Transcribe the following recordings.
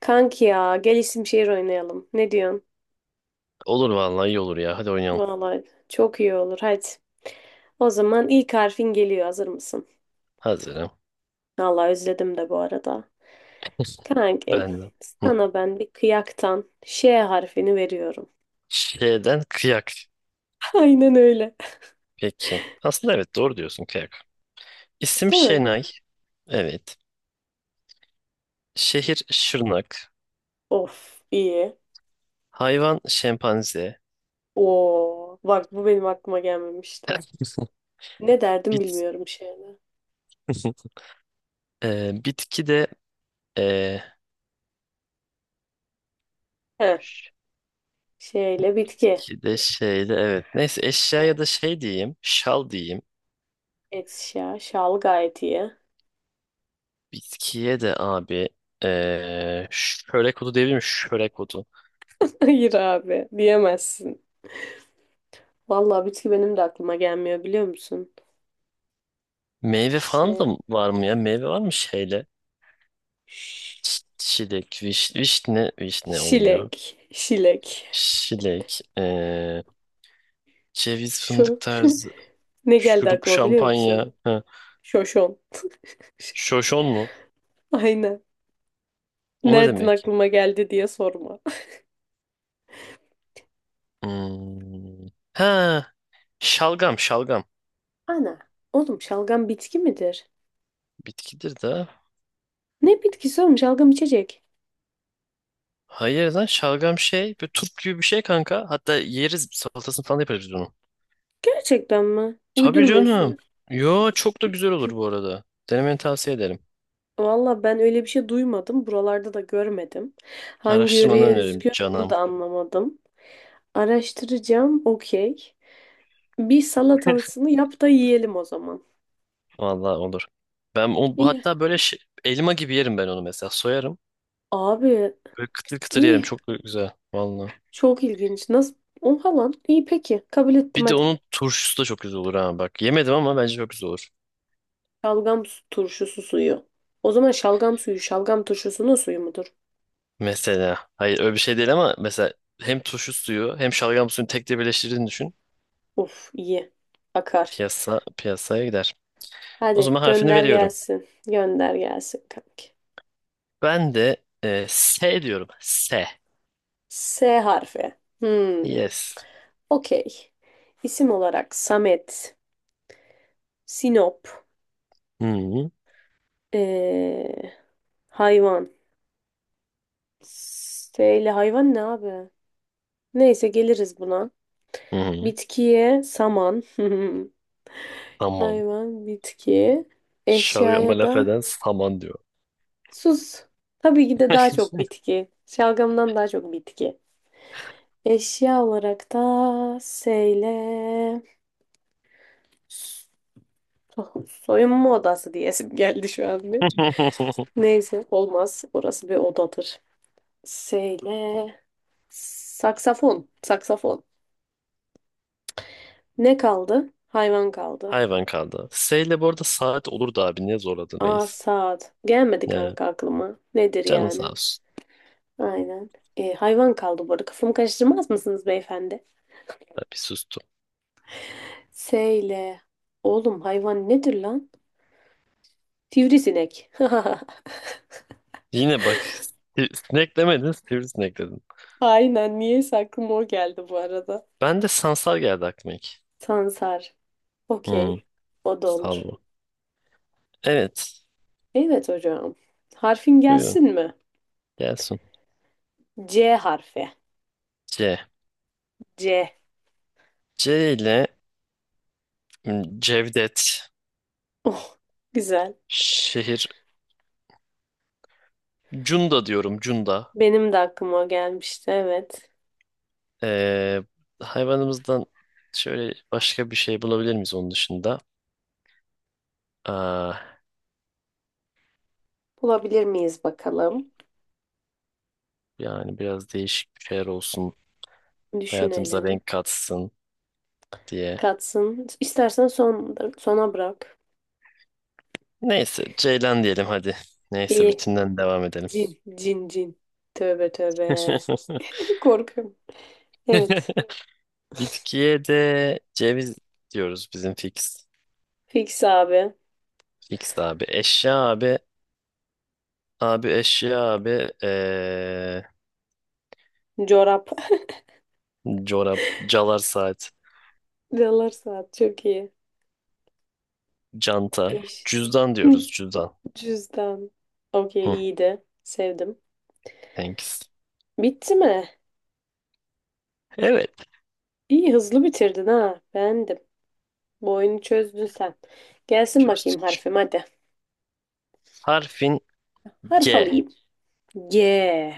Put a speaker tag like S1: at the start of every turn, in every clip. S1: Kanki ya gel isim şehir oynayalım. Ne diyorsun?
S2: Olur vallahi iyi olur ya. Hadi oynayalım.
S1: Vallahi çok iyi olur hadi. O zaman ilk harfin geliyor, hazır mısın?
S2: Hazırım.
S1: Vallahi özledim de bu arada. Kankim,
S2: Ben de. Hı.
S1: sana ben bir kıyaktan Ş harfini veriyorum.
S2: Şeyden kıyak.
S1: Aynen öyle.
S2: Peki. Aslında evet doğru diyorsun kıyak. İsim
S1: Değil mi?
S2: Şenay. Evet. Şehir Şırnak.
S1: Of iyi.
S2: Hayvan şempanze.
S1: Oo bak, bu benim aklıma gelmemişti. Ne derdim
S2: Bit
S1: bilmiyorum şeyle.
S2: Bitki de ee,
S1: Heh, şeyle bitki.
S2: bitki de şeyde evet. Neyse eşyaya
S1: Evet.
S2: da şey diyeyim. Şal diyeyim.
S1: Et şa, şal gayet iyi.
S2: Bitkiye de abi şörek otu diyebilir miyim? Şörek otu.
S1: Hayır abi, diyemezsin. Vallahi bitki benim de aklıma gelmiyor, biliyor musun?
S2: Meyve falan da
S1: Şey,
S2: var mı ya? Meyve var mı şeyle?
S1: ş-
S2: Ş- Şilek, viş, vişne, vişne olmuyor.
S1: şilek, şilek.
S2: Şilek, ceviz, fındık
S1: Şu
S2: tarzı,
S1: ne geldi
S2: şurup,
S1: aklıma, biliyor musun?
S2: şampanya. Ha.
S1: Şoşon.
S2: Şoşon mu?
S1: Aynen.
S2: O ne
S1: Nereden
S2: demek ki?
S1: aklıma geldi diye sorma.
S2: Hmm. Ha, şalgam, şalgam.
S1: Ana, oğlum şalgam bitki midir?
S2: Bitkidir de.
S1: Ne bitkisi oğlum, şalgam içecek?
S2: Hayır lan şalgam şey, bir turp gibi bir şey kanka. Hatta yeriz, salatasını falan yaparız biz onu.
S1: Gerçekten mi?
S2: Tabii
S1: Uydurmuyorsun.
S2: canım. Yo, çok da güzel olur bu arada. Denemeni tavsiye ederim.
S1: Vallahi ben öyle bir şey duymadım. Buralarda da görmedim. Hangi
S2: Araştırmanı
S1: yöreye
S2: öneririm
S1: özgü onu
S2: canım.
S1: da anlamadım. Araştıracağım, okey. Bir salatasını yap da yiyelim o zaman.
S2: Vallahi olur. Ben o, bu
S1: İyi.
S2: hatta böyle şey- elma gibi yerim ben onu mesela. Soyarım.
S1: Abi
S2: Böyle kıtır kıtır yerim.
S1: iyi.
S2: Çok güzel. Vallahi.
S1: Çok ilginç. Nasıl? O falan. İyi peki. Kabul ettim
S2: Bir de
S1: hadi.
S2: onun turşusu da çok güzel olur ha bak. Yemedim ama bence çok güzel olur.
S1: Şalgam su- turşusu suyu. O zaman şalgam suyu şalgam turşusunun suyu mudur?
S2: Mesela. Hayır öyle bir şey değil ama mesela hem turşu suyu hem şalgam suyunu tek de birleştirdiğini düşün.
S1: Of iyi. Akar.
S2: Piyasa piyasaya gider. O
S1: Hadi
S2: zaman harfini
S1: gönder
S2: veriyorum.
S1: gelsin. Gönder gelsin kanki.
S2: Ben de e, S diyorum. S.
S1: S harfi. Hmm.
S2: Yes.
S1: Okey. İsim olarak Samet, Sinop,
S2: Hı hı.
S1: ee, hayvan. S ile hayvan ne abi? Neyse geliriz buna.
S2: Hı hı.
S1: Bitkiye saman.
S2: Tamam.
S1: Hayvan, bitki.
S2: Şalgama
S1: Eşyaya
S2: laf
S1: da
S2: eden saman diyor.
S1: sus. Tabii ki de daha çok bitki. Şalgamdan daha çok bitki. Eşya olarak da seyle so- soyunma odası diyesim geldi şu an bir. Neyse olmaz. Orası bir odadır. Seyle saksafon. Saksafon. Ne kaldı? Hayvan kaldı.
S2: Hayvan kaldı. S ile bu arada saat olurdu abi. Niye zorladın
S1: Aa
S2: reis?
S1: saat. Gelmedi
S2: Yani
S1: kanka aklıma. Nedir
S2: canın sağ
S1: yani?
S2: olsun.
S1: Aynen. Hayvan kaldı bu arada. Kafamı karıştırmaz mısınız beyefendi?
S2: Tabii sustum.
S1: S ile. Oğlum hayvan nedir lan? Sivrisinek.
S2: Yine bak si- sinek demedin sivrisinek dedin.
S1: Aynen. Niyeyse aklıma o geldi bu arada.
S2: Ben de sansar geldi aklıma ilk.
S1: Sansar.
S2: Hmm,
S1: Okey. O da olur.
S2: salvo. Evet.
S1: Evet hocam. Harfin
S2: Buyurun.
S1: gelsin mi?
S2: Gelsin.
S1: C harfi.
S2: C.
S1: C.
S2: C ile hmm, Cevdet.
S1: Oh, güzel.
S2: Şehir. Cunda diyorum. Cunda.
S1: Benim de aklıma o gelmişti. Evet.
S2: Ee, hayvanımızdan şöyle başka bir şey bulabilir miyiz onun dışında? Aa,
S1: Bulabilir miyiz bakalım?
S2: yani biraz değişik bir şeyler olsun. Hayatımıza
S1: Düşünelim.
S2: renk katsın diye.
S1: Katsın. İstersen son, sona bırak.
S2: Neyse Ceylan diyelim hadi. Neyse
S1: İyi.
S2: rutinden devam edelim.
S1: Cin, cin, cin. Tövbe tövbe. Korkuyorum. Evet.
S2: Bitkiye de ceviz diyoruz bizim fix.
S1: Fix abi.
S2: Fix abi. Eşya abi. Abi eşya abi.
S1: Çorap.
S2: Çorap, calar saat,
S1: Dolar saat çok iyi.
S2: canta.
S1: Eş.
S2: Cüzdan diyoruz cüzdan.
S1: Cüzdan. Okey
S2: Hı,
S1: iyiydi. Sevdim.
S2: thanks.
S1: Bitti mi?
S2: Evet.
S1: İyi hızlı bitirdin ha. Beğendim. Bu oyunu çözdün sen. Gelsin bakayım
S2: Çözdük.
S1: harfim hadi.
S2: Harfin
S1: Harf
S2: G.
S1: alayım. G.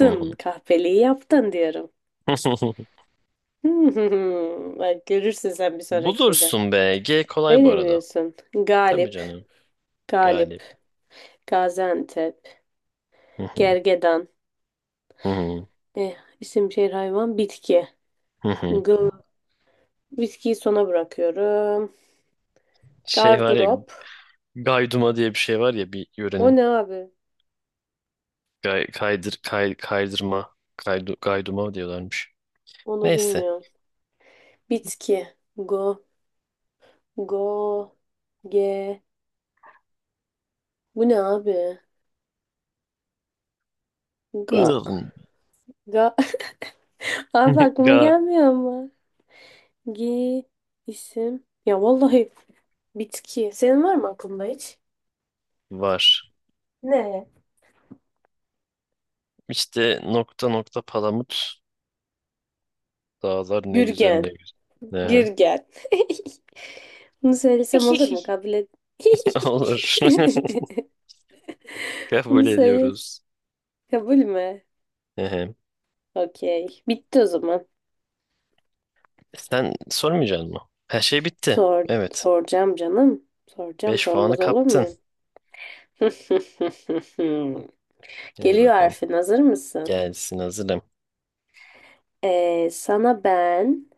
S2: Hı hı.
S1: Kahveliği yaptın diyorum. Bak görürsün sen bir sonraki şeyde.
S2: Bulursun be. G kolay bu
S1: Öyle mi
S2: arada.
S1: diyorsun?
S2: Tabii
S1: Galip.
S2: canım.
S1: Galip.
S2: Galip.
S1: Gaziantep,
S2: Hı hı,
S1: gergedan.
S2: hı hı,
S1: Eh, isim, şehir, hayvan, bitki.
S2: hı hı.
S1: Gıl, bitkiyi sona bırakıyorum.
S2: Şey var ya
S1: Gardırop.
S2: Gayduma diye bir şey var ya bir
S1: O
S2: yörenin.
S1: ne abi?
S2: Gay, kaydır, kay, kaydırma. Kaydu, gayduma diyorlarmış.
S1: Onu
S2: Neyse.
S1: bilmiyorum. Bitki. Go, go, ge. Bu ne abi? Ga,
S2: Ilın.
S1: ga. Abi aklıma
S2: Ga
S1: gelmiyor ama. Gi, isim. Ya vallahi bitki. Senin var mı aklında hiç?
S2: var.
S1: Ne?
S2: İşte nokta nokta palamut. Dağlar ne güzel
S1: Gürgen.
S2: ne güzel.
S1: Gir
S2: Ehe.
S1: gel. Bunu söylesem olur mu? Kabul et.
S2: Olur.
S1: Bunu
S2: Kabul
S1: söyle.
S2: ediyoruz.
S1: Kabul mü?
S2: Ehe.
S1: Okey. Bitti o zaman.
S2: Sen sormayacaksın mı? Her şey bitti.
S1: Sor,
S2: Evet.
S1: soracağım canım. Soracağım.
S2: 5 puanı
S1: Sormaz olur
S2: kaptın.
S1: muyum?
S2: Hadi
S1: Geliyor
S2: bakalım.
S1: harfin. Hazır mısın?
S2: Gelsin hazırım.
S1: Sana ben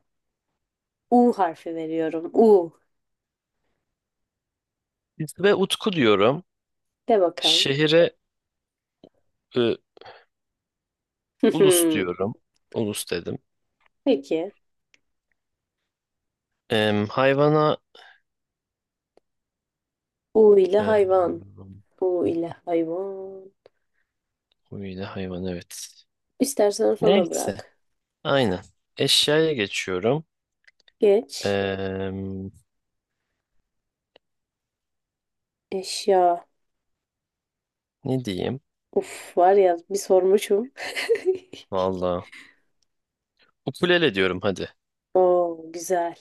S1: U harfi veriyorum. U.
S2: Ve Utku diyorum.
S1: De bakalım.
S2: Şehire e, Ulus diyorum. Ulus dedim.
S1: Peki.
S2: Em, hayvana
S1: U ile
S2: e,
S1: hayvan. U ile hayvan.
S2: huyla hayvan evet.
S1: İstersen sona
S2: Neyse.
S1: bırak.
S2: Aynen. Eşyaya geçiyorum.
S1: Geç.
S2: Em,
S1: Eşya.
S2: ne diyeyim?
S1: Uf var ya bir sormuşum.
S2: Valla. Ukulele diyorum hadi.
S1: Oo güzel.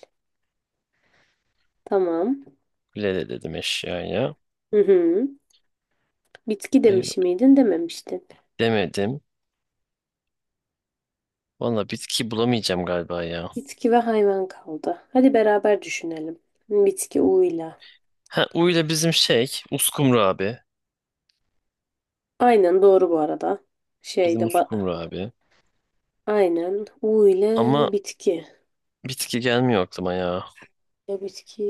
S1: Tamam.
S2: Ukulele dedim eşyaya.
S1: Hı hı. Bitki
S2: Ay,
S1: demiş miydin, dememiştin.
S2: demedim. Valla bitki bulamayacağım galiba ya.
S1: Bitki ve hayvan kaldı. Hadi beraber düşünelim. Bitki U ile.
S2: Ha uyla bizim şey. Uskumru abi.
S1: Aynen doğru bu arada. Şeyde
S2: Bizim
S1: ba-
S2: uskumru abi.
S1: aynen U ile
S2: Ama
S1: bitki.
S2: bitki gelmiyor aklıma ya.
S1: Ya bitki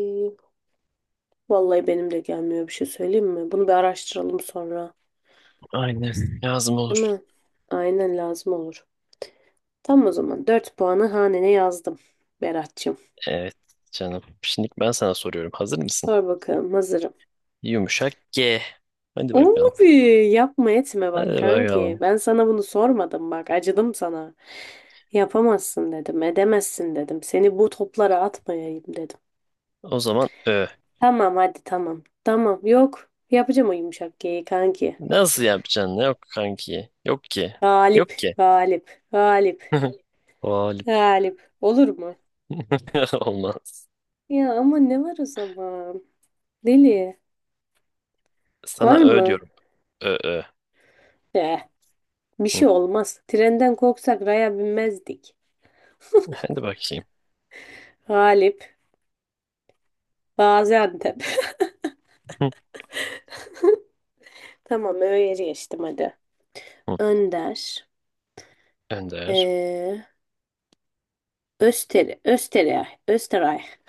S1: vallahi benim de gelmiyor, bir şey söyleyeyim mi? Bunu bir araştıralım sonra.
S2: Aynen. Lazım
S1: Değil
S2: olur.
S1: mi? Aynen lazım olur. Tam o zaman 4 puanı hanene yazdım Berat'cığım.
S2: Evet canım. Şimdi ben sana soruyorum. Hazır mısın?
S1: Sor bakalım hazırım.
S2: Yumuşak G. Hadi bakalım.
S1: Abi yapma etme bak
S2: Hadi
S1: kanki.
S2: bakalım.
S1: Ben sana bunu sormadım bak. Acıdım sana. Yapamazsın dedim. Edemezsin dedim. Seni bu toplara atmayayım dedim.
S2: O zaman Ö.
S1: Tamam hadi tamam. Tamam yok. Yapacağım o yumuşak G'yi kanki.
S2: Nasıl yapacaksın? Yok kanki. Yok ki.
S1: Galip,
S2: Yok ki.
S1: galip, galip,
S2: Galip.
S1: galip. Olur mu?
S2: Olmaz.
S1: Ya ama ne var o zaman? Deli. Var
S2: Sana Ö
S1: mı?
S2: diyorum. Ö Ö.
S1: Eh, bir
S2: Hı,
S1: şey olmaz. Trenden korksak raya binmezdik.
S2: Hadi bakayım.
S1: Galip, Gaziantep.
S2: Hı,
S1: Tamam öyle geçtim hadi.
S2: hı.
S1: Önder,
S2: Önder.
S1: eee Öster, Österreich, Österreich,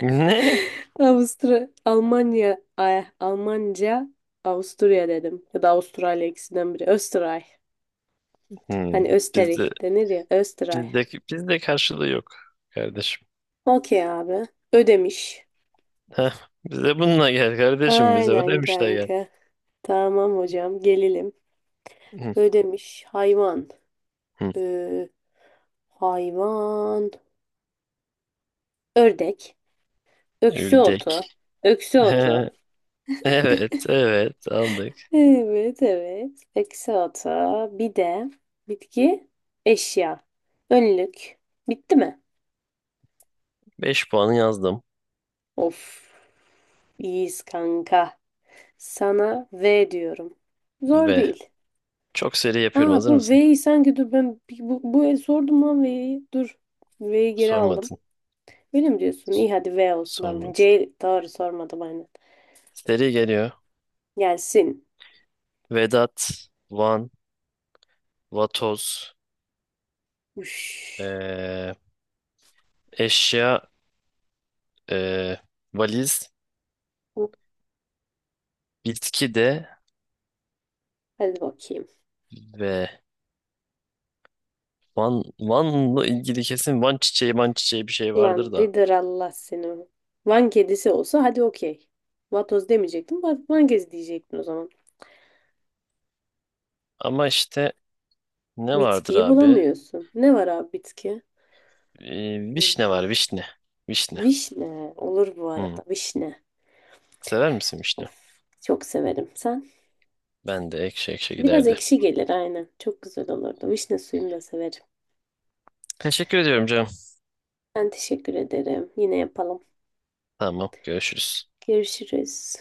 S2: Ne?
S1: Avusturya. Almanya, ay, Almanca, Avusturya dedim. Ya da Avustralya, ikisinden biri. Österreich.
S2: Hı,
S1: Hani
S2: Bizde
S1: Österreich denir ya. Österreich.
S2: bizde bizde karşılığı yok kardeşim.
S1: Okey abi. Ödemiş.
S2: Heh, bize bununla gel kardeşim. Bize
S1: Aynen
S2: ödemişle gel.
S1: kanka. Tamam hocam. Gelelim.
S2: Hı,
S1: Ödemiş. Hayvan.
S2: hı.
S1: Ee, hayvan. Ördek. Öksü
S2: Ürdek.
S1: otu. Öksü otu.
S2: He. Evet, evet aldık.
S1: Evet, evet. Peki salata. Bir de bitki, eşya. Önlük. Bitti mi?
S2: Beş puanı yazdım.
S1: Of, iyiyiz kanka. Sana V diyorum. Zor
S2: Ve
S1: değil.
S2: Çok seri yapıyorum.
S1: Aa bu
S2: Hazır mısın?
S1: V'yi sanki, dur ben bir- bu, bu el sordum lan V'yi. Dur. V'yi geri aldım.
S2: Sormadın.
S1: Öyle mi diyorsun? İyi hadi V olsun. Tamam.
S2: Sormadın.
S1: C doğru sormadım aynen.
S2: Seri geliyor.
S1: Gelsin.
S2: Vedat, Van, Vatoz,
S1: Uş.
S2: eee, eşya, eee, valiz, bitki de
S1: Hadi bakayım.
S2: ve Van, Van'la ilgili kesin Van çiçeği, Van çiçeği bir şey vardır
S1: Lan
S2: da.
S1: Vidır Allah seni. Van kedisi olsa hadi okey. Vatoz demeyecektim. Va- Van kedisi diyecektin o zaman.
S2: Ama işte ne vardır
S1: Bitkiyi
S2: abi?
S1: bulamıyorsun. Ne var abi bitki?
S2: Vişne
S1: V-
S2: var, vişne. Vişne.
S1: Vişne. Olur bu
S2: Hmm.
S1: arada. Vişne.
S2: Sever misin vişne?
S1: Of, çok severim. Sen?
S2: Ben de ekşi ekşi
S1: Biraz
S2: giderdi.
S1: ekşi gelir aynen. Çok güzel olurdu. Vişne suyunu da severim.
S2: Teşekkür ediyorum canım.
S1: Ben teşekkür ederim. Yine yapalım.
S2: Tamam, görüşürüz.
S1: Görüşürüz.